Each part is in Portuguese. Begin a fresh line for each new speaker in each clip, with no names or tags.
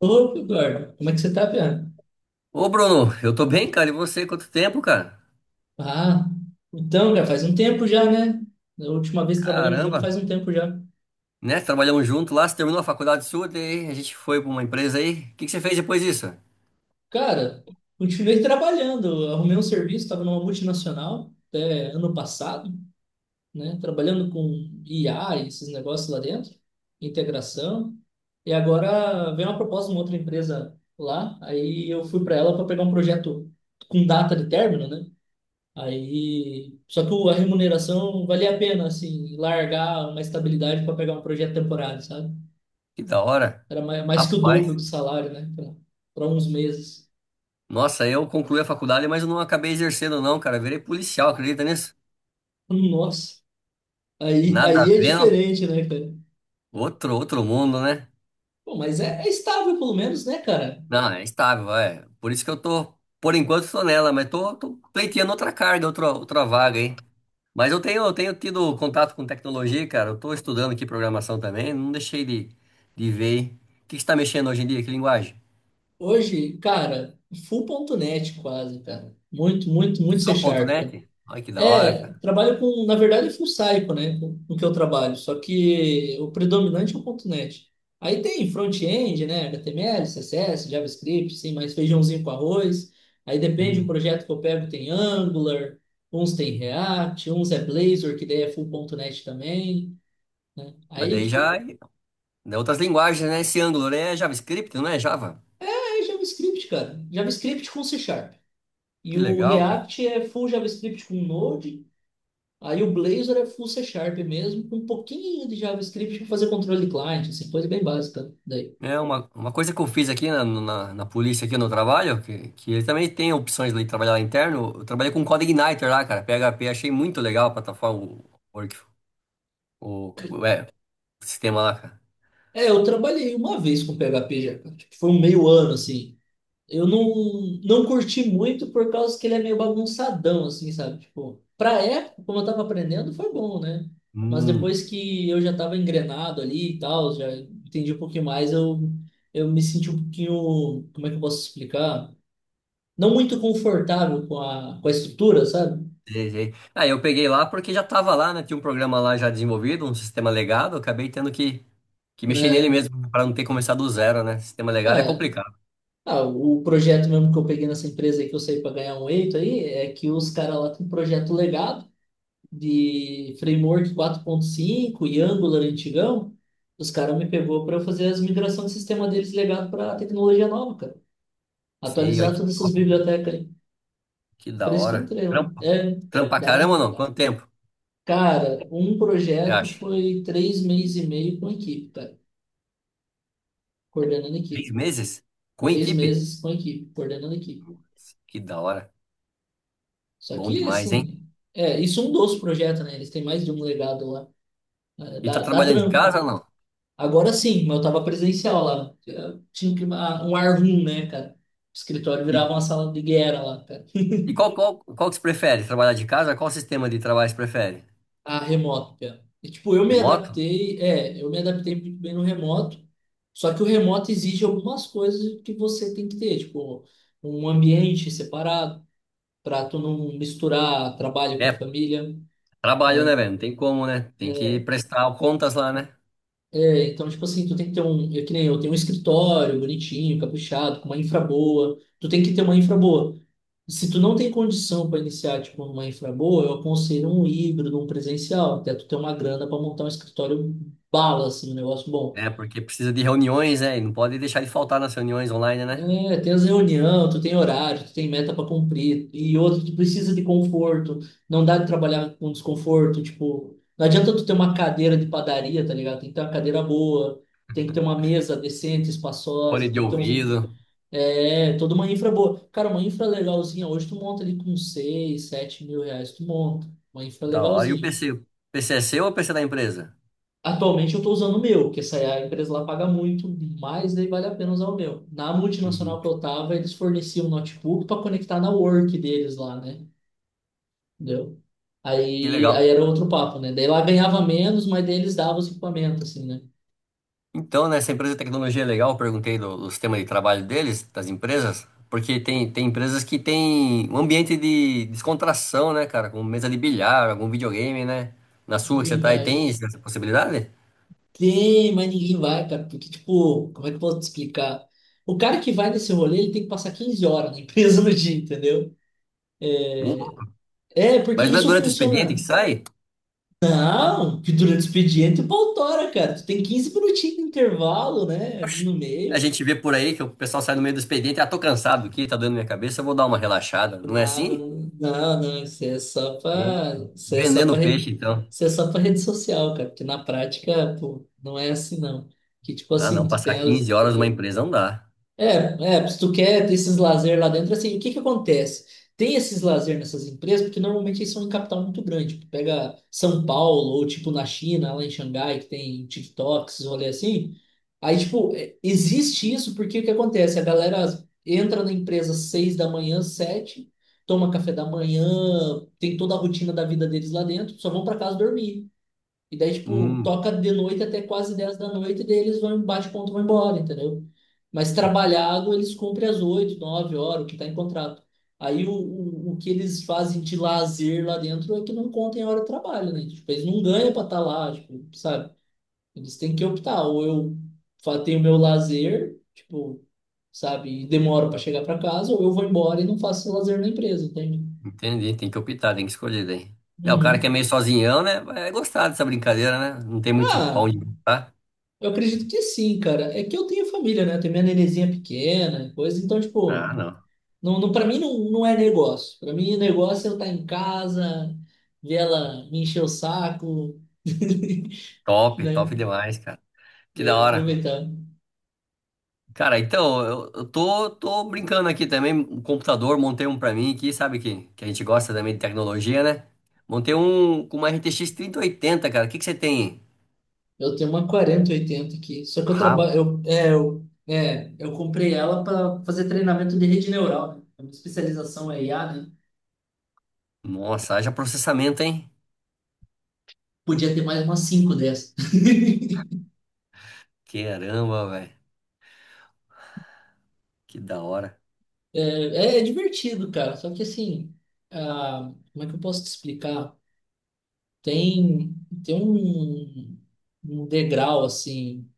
Opa, Eduardo, como é que você tá, Piá?
Ô, Bruno, eu tô bem, cara. E você? Quanto tempo, cara?
Ah, então, cara, faz um tempo já, né? Da última vez que trabalhamos junto
Caramba,
faz um tempo já.
né? Trabalhamos junto lá, você terminou a faculdade sua, daí a gente foi pra uma empresa aí. O que que você fez depois disso?
Cara, continuei trabalhando, eu arrumei um serviço, estava numa multinacional até ano passado, né? Trabalhando com IA e esses negócios lá dentro, integração. E agora veio uma proposta de uma outra empresa lá, aí eu fui para ela para pegar um projeto com data de término, né? Aí, só que a remuneração valia a pena, assim, largar uma estabilidade para pegar um projeto temporário, sabe?
Que da hora.
Era mais que o dobro do
Rapaz,
salário, né? Para uns meses.
nossa, eu concluí a faculdade, mas eu não acabei exercendo, não, cara. Eu virei policial, acredita nisso?
Nossa,
Nada a
aí é
ver, não?
diferente, né, cara?
Outro mundo, né?
Pô, mas é estável, pelo menos, né, cara?
Não, é estável, é. Por isso que eu tô, por enquanto, tô nela, mas tô pleiteando outra carga, outra vaga aí. Mas eu tenho tido contato com tecnologia, cara. Eu estou estudando aqui programação também, não deixei de ver. O que você está mexendo hoje em dia? Que linguagem?
Hoje, cara, full ponto net quase, cara. Muito C
Só ponto
Sharp.
.NET? Olha que da hora,
É,
cara.
trabalho com, na verdade, é full cycle, né? Com o que eu trabalho, só que o predominante é o ponto .NET. Aí tem front-end, né? HTML, CSS, JavaScript, sim, mais feijãozinho com arroz. Aí depende do
Hum.
projeto que eu pego, tem Angular, uns tem React, uns é Blazor, que daí é full ponto .NET também, né?
Mas
Aí,
daí
tipo,
já. Daí outras linguagens, né? Esse Angular é JavaScript, não é Java?
é JavaScript, cara. JavaScript com C Sharp. E
Que
o
legal, cara.
React é full JavaScript com Node. Aí o Blazor é full C Sharp mesmo, com um pouquinho de JavaScript para fazer controle de client, assim, coisa bem básica daí.
É uma coisa que eu fiz aqui na polícia, aqui no trabalho, que ele também tem opções de trabalhar lá interno. Eu trabalhei com Code Igniter lá, cara. PHP, achei muito legal a plataforma, o, work- o, é, o sistema lá, cara.
É, eu trabalhei uma vez com PHP já, cara. Tipo, foi um meio ano, assim. Eu não, não curti muito por causa que ele é meio bagunçadão, assim, sabe? Tipo, pra época, como eu tava aprendendo, foi bom, né? Mas
Hum,
depois que eu já tava engrenado ali e tal, já entendi um pouquinho mais, eu me senti um pouquinho, como é que eu posso explicar? Não muito confortável com com a estrutura, sabe?
Sei, sei. Ah, eu peguei lá porque já tava lá, né? Tinha um programa lá já desenvolvido, um sistema legado. Eu acabei tendo que mexer nele
É,
mesmo, para não ter começado do zero, né? Sistema legado é
É,
complicado.
o projeto mesmo que eu peguei nessa empresa aí que eu saí para ganhar um eito aí é que os caras lá têm um projeto legado de framework 4.5 e Angular antigão. Os caras me pegou para eu fazer as migrações de sistema deles legado para a tecnologia nova, cara.
Sim, olha
Atualizar
que
todas essas
top, cara.
bibliotecas aí.
Que
Por
da
isso que eu
hora.
entrei lá.
Trampa, trampa
Dá.
caramba ou
É.
não? Quanto tempo
Cara, um
você
projeto
acha?
foi três meses e meio com a equipe, cara. Coordenando a
Três
equipe.
meses? Com
Três
equipe?
meses com a equipe, coordenando a equipe.
Que da hora.
Só
Bom
que,
demais, hein?
assim, é, isso é um dos projetos, né? Eles têm mais de um legado lá. É,
E tá
Dá
trabalhando de
trampo,
casa
né?
ou não?
Agora sim, mas eu tava presencial lá. Eu tinha que, ah, um ar room, né, cara? O escritório virava uma
E,
sala de guerra lá, cara.
e qual que você prefere? Trabalhar de casa? Qual sistema de trabalho você prefere?
A remoto, cara. E, tipo,
Remoto?
eu me adaptei muito bem no remoto. Só que o remoto exige algumas coisas que você tem que ter, tipo, um ambiente separado, para tu não misturar trabalho com
É,
família.
trabalho, né, velho? Não tem como, né? Tem que prestar contas lá, né?
É, então, tipo assim, tu tem que ter um, que nem eu, tenho um escritório bonitinho, caprichado, com uma infra boa. Tu tem que ter uma infra boa. Se tu não tem condição para iniciar, tipo, uma infra boa, eu aconselho um híbrido, um presencial, até tu ter uma grana para montar um escritório bala, assim, um negócio bom.
É, porque precisa de reuniões, né? E não pode deixar de faltar nas reuniões online, né?
É, tem as reunião, tu tem horário, tu tem meta para cumprir. E outro, tu precisa de conforto. Não dá de trabalhar com desconforto. Tipo, não adianta tu ter uma cadeira de padaria, tá ligado? Tem que ter uma cadeira boa, tem que ter uma mesa decente,
Fone
espaçosa,
de
tem que ter uns.
ouvido,
É, toda uma infra boa. Cara, uma infra legalzinha, hoje tu monta ali com 6 7 mil reais, tu monta. Uma infra
da hora. E o
legalzinha.
PC? O PC é seu ou o PC da empresa?
Atualmente eu estou usando o meu, porque essa é a empresa lá paga muito, mas daí vale a pena usar o meu. Na multinacional
Hum,
que eu estava, eles forneciam um notebook para conectar na work deles lá, né? Entendeu?
que legal.
Aí era outro papo, né? Daí lá ganhava menos, mas daí eles davam os equipamentos, assim, né?
Então, né, essa empresa de tecnologia é legal, eu perguntei do sistema de trabalho deles, das empresas, porque tem empresas que tem um ambiente de descontração, né, cara? Com mesa de bilhar, algum videogame, né? Na sua que você
Ninguém
tá aí,
vai.
tem essa possibilidade?
Tem, mas ninguém vai, cara. Porque, tipo, como é que eu posso te explicar? O cara que vai nesse rolê, ele tem que passar 15 horas na empresa no dia, entendeu?
Não.
É, porque
Mas não é
isso
durante o expediente que
funciona.
sai?
Não, que durante o expediente o pau tora, cara. Tu tem 15 minutinhos de intervalo, né? Ali no
Oxe, a
meio.
gente vê por aí que o pessoal sai no meio do expediente, ah, tô cansado aqui, tá doendo minha cabeça, eu vou dar uma relaxada. Não é
Nada,
assim?
não, não, não, isso é só
É.
pra,
Vendendo peixe, então.
isso é só pra rede social, cara. Porque na prática, pô, não é assim, não. Que tipo
Ah,
assim,
não,
tu
passar
tem as,
15 horas numa empresa não dá.
É, é, se tu quer ter esses lazer lá dentro, assim, o que que acontece? Tem esses lazer nessas empresas, porque normalmente eles são em capital muito grande. Tu pega São Paulo, ou tipo na China, lá em Xangai, que tem TikToks, rolê assim. Aí, tipo, é, existe isso porque o que acontece? A galera entra na empresa às 6 da manhã, 7, toma café da manhã, tem toda a rotina da vida deles lá dentro, só vão pra casa dormir. E daí, tipo,
Hum,
toca de noite até quase 10 da noite, e daí eles vão, bate ponto, e vão embora, entendeu? Mas trabalhado, eles cumprem às 8 9 horas, o que tá em contrato. Aí o que eles fazem de lazer lá dentro é que não contem a hora de trabalho, né? Tipo, eles não ganham pra estar lá, tipo, sabe? Eles têm que optar, ou tenho meu lazer, tipo, sabe, e demoro pra chegar pra casa, ou eu vou embora e não faço lazer na empresa, entende?
entendi, tem que optar, tem que escolher daí. É, o cara que é
Uhum.
meio sozinhão, né, vai gostar dessa brincadeira, né? Não tem muito
Ah,
pão de tá?
eu acredito que sim, cara. É que eu tenho família, né? Eu tenho minha nenenzinha pequena, coisa. Então,
Ah,
tipo,
não.
não, para mim não, não é negócio. Para mim, negócio é eu estar em casa, ver ela me encher o saco,
Top,
né?
top demais, cara. Que da
É,
hora.
aproveitar.
Cara, então, eu tô brincando aqui também. Um computador, montei um pra mim aqui, sabe que a gente gosta também de tecnologia, né? Montei um com uma RTX 80, cara. O que que você tem?
Eu tenho uma 4080 aqui. Só que eu
Ah,
trabalho. Eu comprei ela para fazer treinamento de rede neural, né? A minha especialização é IA, né?
nossa, haja processamento, hein?
Podia ter mais umas cinco dessas.
Caramba, velho. Que da hora.
É divertido, cara. Só que assim, ah, como é que eu posso te explicar? Tem, tem um, um degrau assim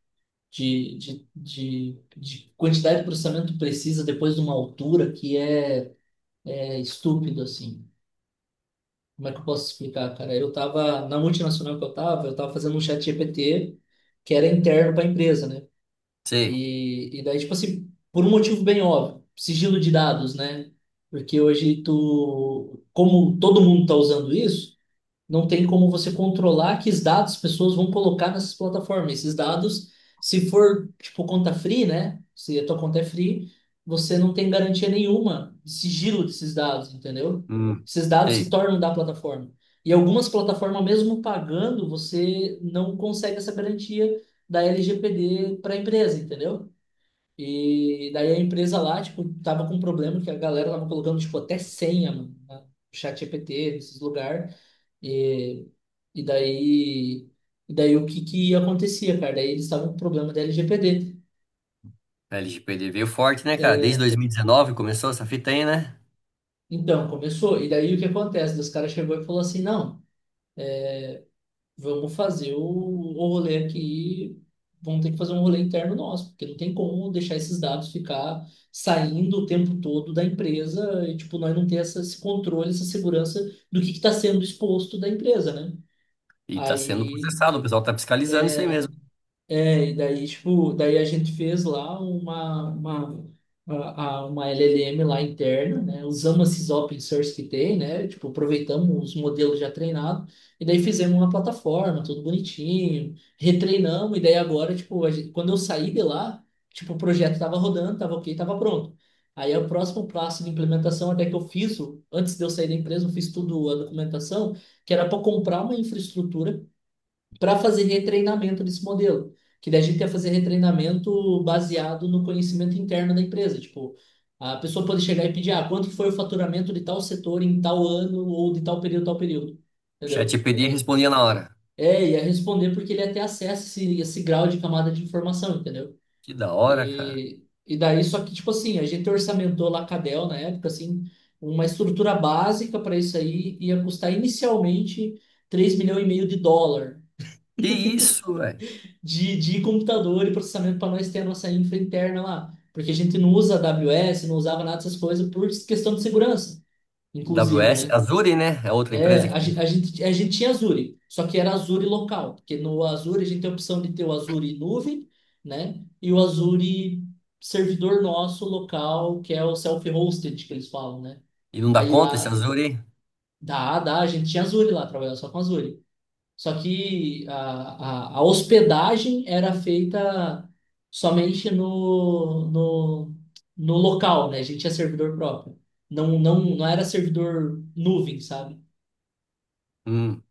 de, de quantidade de processamento que precisa depois de uma altura que é, é estúpido, assim. Como é que eu posso te explicar, cara? Na multinacional que eu tava fazendo um chat GPT que era interno para a empresa, né?
Sei.
E daí, tipo assim, por um motivo bem óbvio, sigilo de dados, né? Porque hoje tu, como todo mundo tá usando isso, não tem como você controlar que os dados as pessoas vão colocar nessas plataformas. Esses dados, se for, tipo, conta free, né? Se a tua conta é free, você não tem garantia nenhuma de sigilo desses dados, entendeu?
Hum,
Esses dados se
sei.
tornam da plataforma. E algumas plataformas, mesmo pagando, você não consegue essa garantia da LGPD para a empresa, entendeu? E daí a empresa lá, tipo, tava com um problema que a galera tava colocando, tipo, até senha, mano, no chat GPT, nesses lugares. E, e daí, e daí o que que acontecia, cara? Daí eles estavam com problema da LGPD.
A LGPD veio forte, né, cara? Desde 2019 começou essa fita aí, né?
Então, começou. E daí o que acontece? Os caras chegou e falou assim, não, vamos fazer o rolê aqui, vamos ter que fazer um rolê interno nosso, porque não tem como deixar esses dados ficar saindo o tempo todo da empresa e, tipo, nós não ter essa, esse controle, essa segurança do que está sendo exposto da empresa, né?
E tá sendo
Aí
processado, o pessoal tá fiscalizando isso aí mesmo.
é, e daí, tipo, daí a gente fez lá uma LLM lá interna, né? Usamos esses open source que tem, né? Tipo, aproveitamos os modelos já treinados e daí fizemos uma plataforma, tudo bonitinho, retreinamos e daí agora, tipo, quando eu saí de lá, tipo, o projeto tava rodando, tava ok, tava pronto. Aí o próximo passo de implementação, até que eu fiz, antes de eu sair da empresa, eu fiz tudo a documentação, que era para comprar uma infraestrutura para fazer retreinamento desse modelo. Que daí a gente ia fazer retreinamento baseado no conhecimento interno da empresa. Tipo, a pessoa pode chegar e pedir, ah, quanto que foi o faturamento de tal setor em tal ano ou de tal período, tal período.
O
Entendeu?
ChatGPT respondia na hora.
É, ia responder porque ele ia ter acesso a esse grau de camada de informação, entendeu?
Que da hora, cara.
Só que, tipo assim, a gente orçamentou lá a Cadel na época, assim, uma estrutura básica para isso aí ia custar inicialmente US$ 3,5 milhões
Que isso,
de computador e processamento para nós ter a nossa infra interna lá. Porque a gente não usa AWS, não usava nada dessas coisas por questão de segurança, inclusive,
AWS,
né?
Azure, né? É outra empresa
É,
que
a,
tem.
gen- a gente, a gente tinha Azure, só que era Azure local, porque no Azure a gente tem a opção de ter o Azure nuvem, né? E o Azure servidor nosso local, que é o self-hosted que eles falam, né?
E não dá
Aí
conta esse
lá,
Azure.
dá, a gente tinha Azure lá, trabalhava só com Azure. Só que a hospedagem era feita somente no local, né? A gente tinha servidor próprio. Não, não, não era servidor nuvem, sabe?
Hum.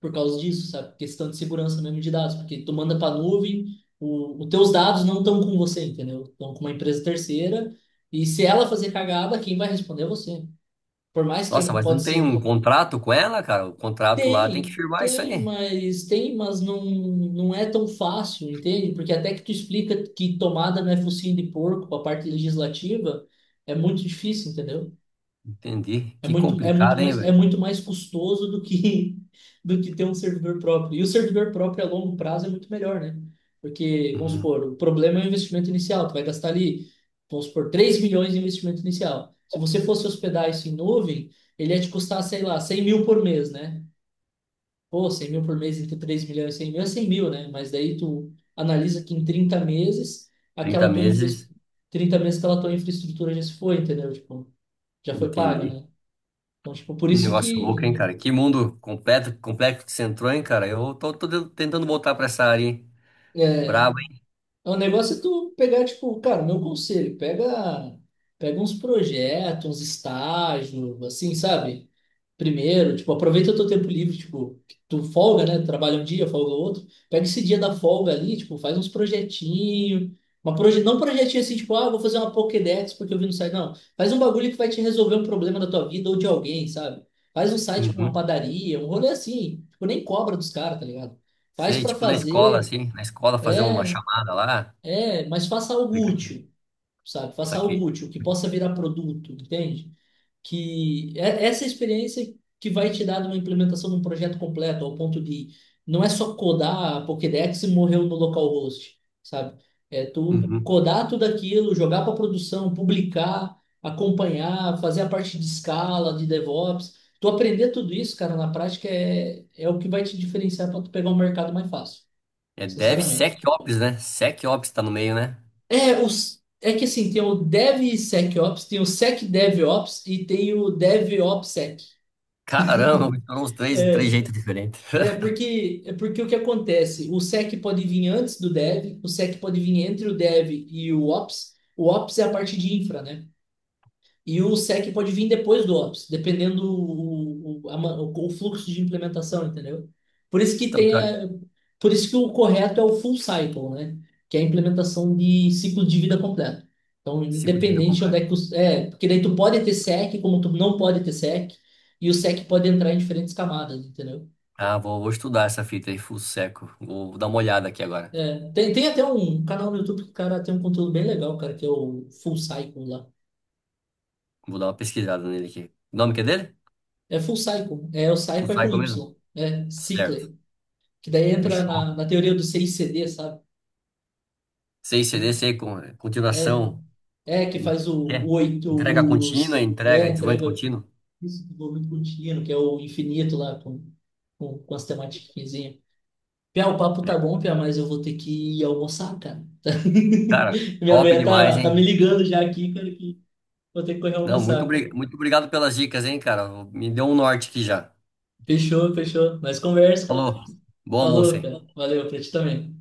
Por causa disso, sabe? Questão de segurança mesmo de dados, porque tu manda para nuvem, os teus dados não estão com você, entendeu? Estão com uma empresa terceira, e se ela fazer cagada, quem vai responder é você. Por mais que
Nossa, mas
pode
não tem um
ser.
contrato com ela, cara? O contrato lá tem que
Tem,
firmar isso aí.
tem, mas não, não é tão fácil, entende? Porque até que tu explica que tomada não é focinho de porco, a parte legislativa, é muito difícil, entendeu?
Entendi.
É
Que
muito,
complicado, hein,
é
velho?
muito mais custoso do que do que ter um servidor próprio. E o servidor próprio a longo prazo é muito melhor, né? Porque, vamos
Uhum.
supor, o problema é o investimento inicial, tu vai gastar ali, vamos supor, 3 milhões de investimento inicial. Se você fosse hospedar isso em nuvem, ele ia te custar, sei lá, 100 mil por mês, né? Pô, 100 mil por mês entre 3 milhões e 100 mil é 100 mil, né? Mas daí tu analisa que em 30 meses,
30
aquela tua infra...
meses.
30 meses aquela tua infraestrutura já se foi, entendeu? Tipo, já foi paga,
Entendi.
né? Então, tipo, por
Que
isso
negócio louco,
que
hein, cara? Que mundo completo, complexo que você entrou, hein, cara? Eu tô tentando voltar pra essa área, hein?
é,
Brabo, hein?
o negócio é tu pegar, tipo, cara, meu conselho, pega, pega uns projetos, uns estágios, assim, sabe? Primeiro, tipo, aproveita o teu tempo livre, tipo, que tu folga, né? Trabalha um dia, folga outro. Pega esse dia da folga ali, tipo, faz uns projetinhos. Uma proje... Não um projetinho assim, tipo, ah, vou fazer uma Pokédex porque eu vi no site. Não, faz um bagulho que vai te resolver um problema da tua vida ou de alguém, sabe? Faz um site com uma
Uhum.
padaria, um rolê assim. Tipo, nem cobra dos caras, tá ligado? Faz
Sei,
pra
tipo na escola,
fazer,
assim. Na escola fazer uma
é,
chamada lá.
é, mas faça algo
Aplicativo.
útil, sabe? Faça algo
Saquei.
útil, que possa virar produto, entende? Que é essa experiência que vai te dar de uma implementação de um projeto completo, ao ponto de não é só codar a Pokédex e morreu no localhost, sabe? É tu
Uhum.
codar tudo aquilo, jogar para produção, publicar, acompanhar, fazer a parte de escala, de DevOps. Tu aprender tudo isso, cara, na prática é, é o que vai te diferenciar para tu pegar um mercado mais fácil,
É
sinceramente.
DevSecOps, né? SecOps tá no meio, né?
É, os, é que assim, tem o DevSecOps, tem o SecDevOps e tem o DevOpsSec.
Caramba, foram uns três de três jeitos diferentes.
É porque o que acontece? O SEC pode vir antes do dev, o SEC pode vir entre o dev e o ops. O ops é a parte de infra, né? E o SEC pode vir depois do ops, dependendo o fluxo de implementação, entendeu? Por isso que
Então,
tem
cara,
a- por isso que o correto é o full cycle, né? Que é a implementação de ciclo de vida completo. Então,
ciclo de vida
independente de onde
completo.
é que os, é, porque daí tu pode ter SEC, como tu não pode ter SEC, e o SEC pode entrar em diferentes camadas, entendeu?
Ah, vou estudar essa fita aí, Full Seco. Vou dar uma olhada aqui agora.
É, tem, tem até um canal no YouTube que o cara tem um conteúdo bem legal, cara, que é o Full Cycle lá.
Vou dar uma pesquisada nele aqui. O nome que é dele?
É Full Cycle, é o
Full
Cycle é com
Cycle mesmo?
Y, é
Certo.
Cycle, que daí entra
Fechou.
na teoria do CICD, sabe?
Sem CD, sem
É,
continuação.
é que
Hum,
faz
É.
o oito,
Entrega contínua,
os, é,
entrega, desenvolvimento
entrega
contínuo.
isso do movimento contínuo, que é o infinito lá com as tematiquinhas. Pia, o papo
É.
tá bom, Pia, mas eu vou ter que ir almoçar, cara.
Cara,
Minha
top
mulher
demais,
tá, tá me
hein?
ligando já aqui, cara, que vou ter que correr
Não,
almoçar, cara.
muito obrigado pelas dicas, hein, cara. Me deu um norte aqui já.
Fechou, fechou. Nós conversa, cara.
Falou. Boa almoço,
Falou,
hein?
cara. Valeu, pra ti também.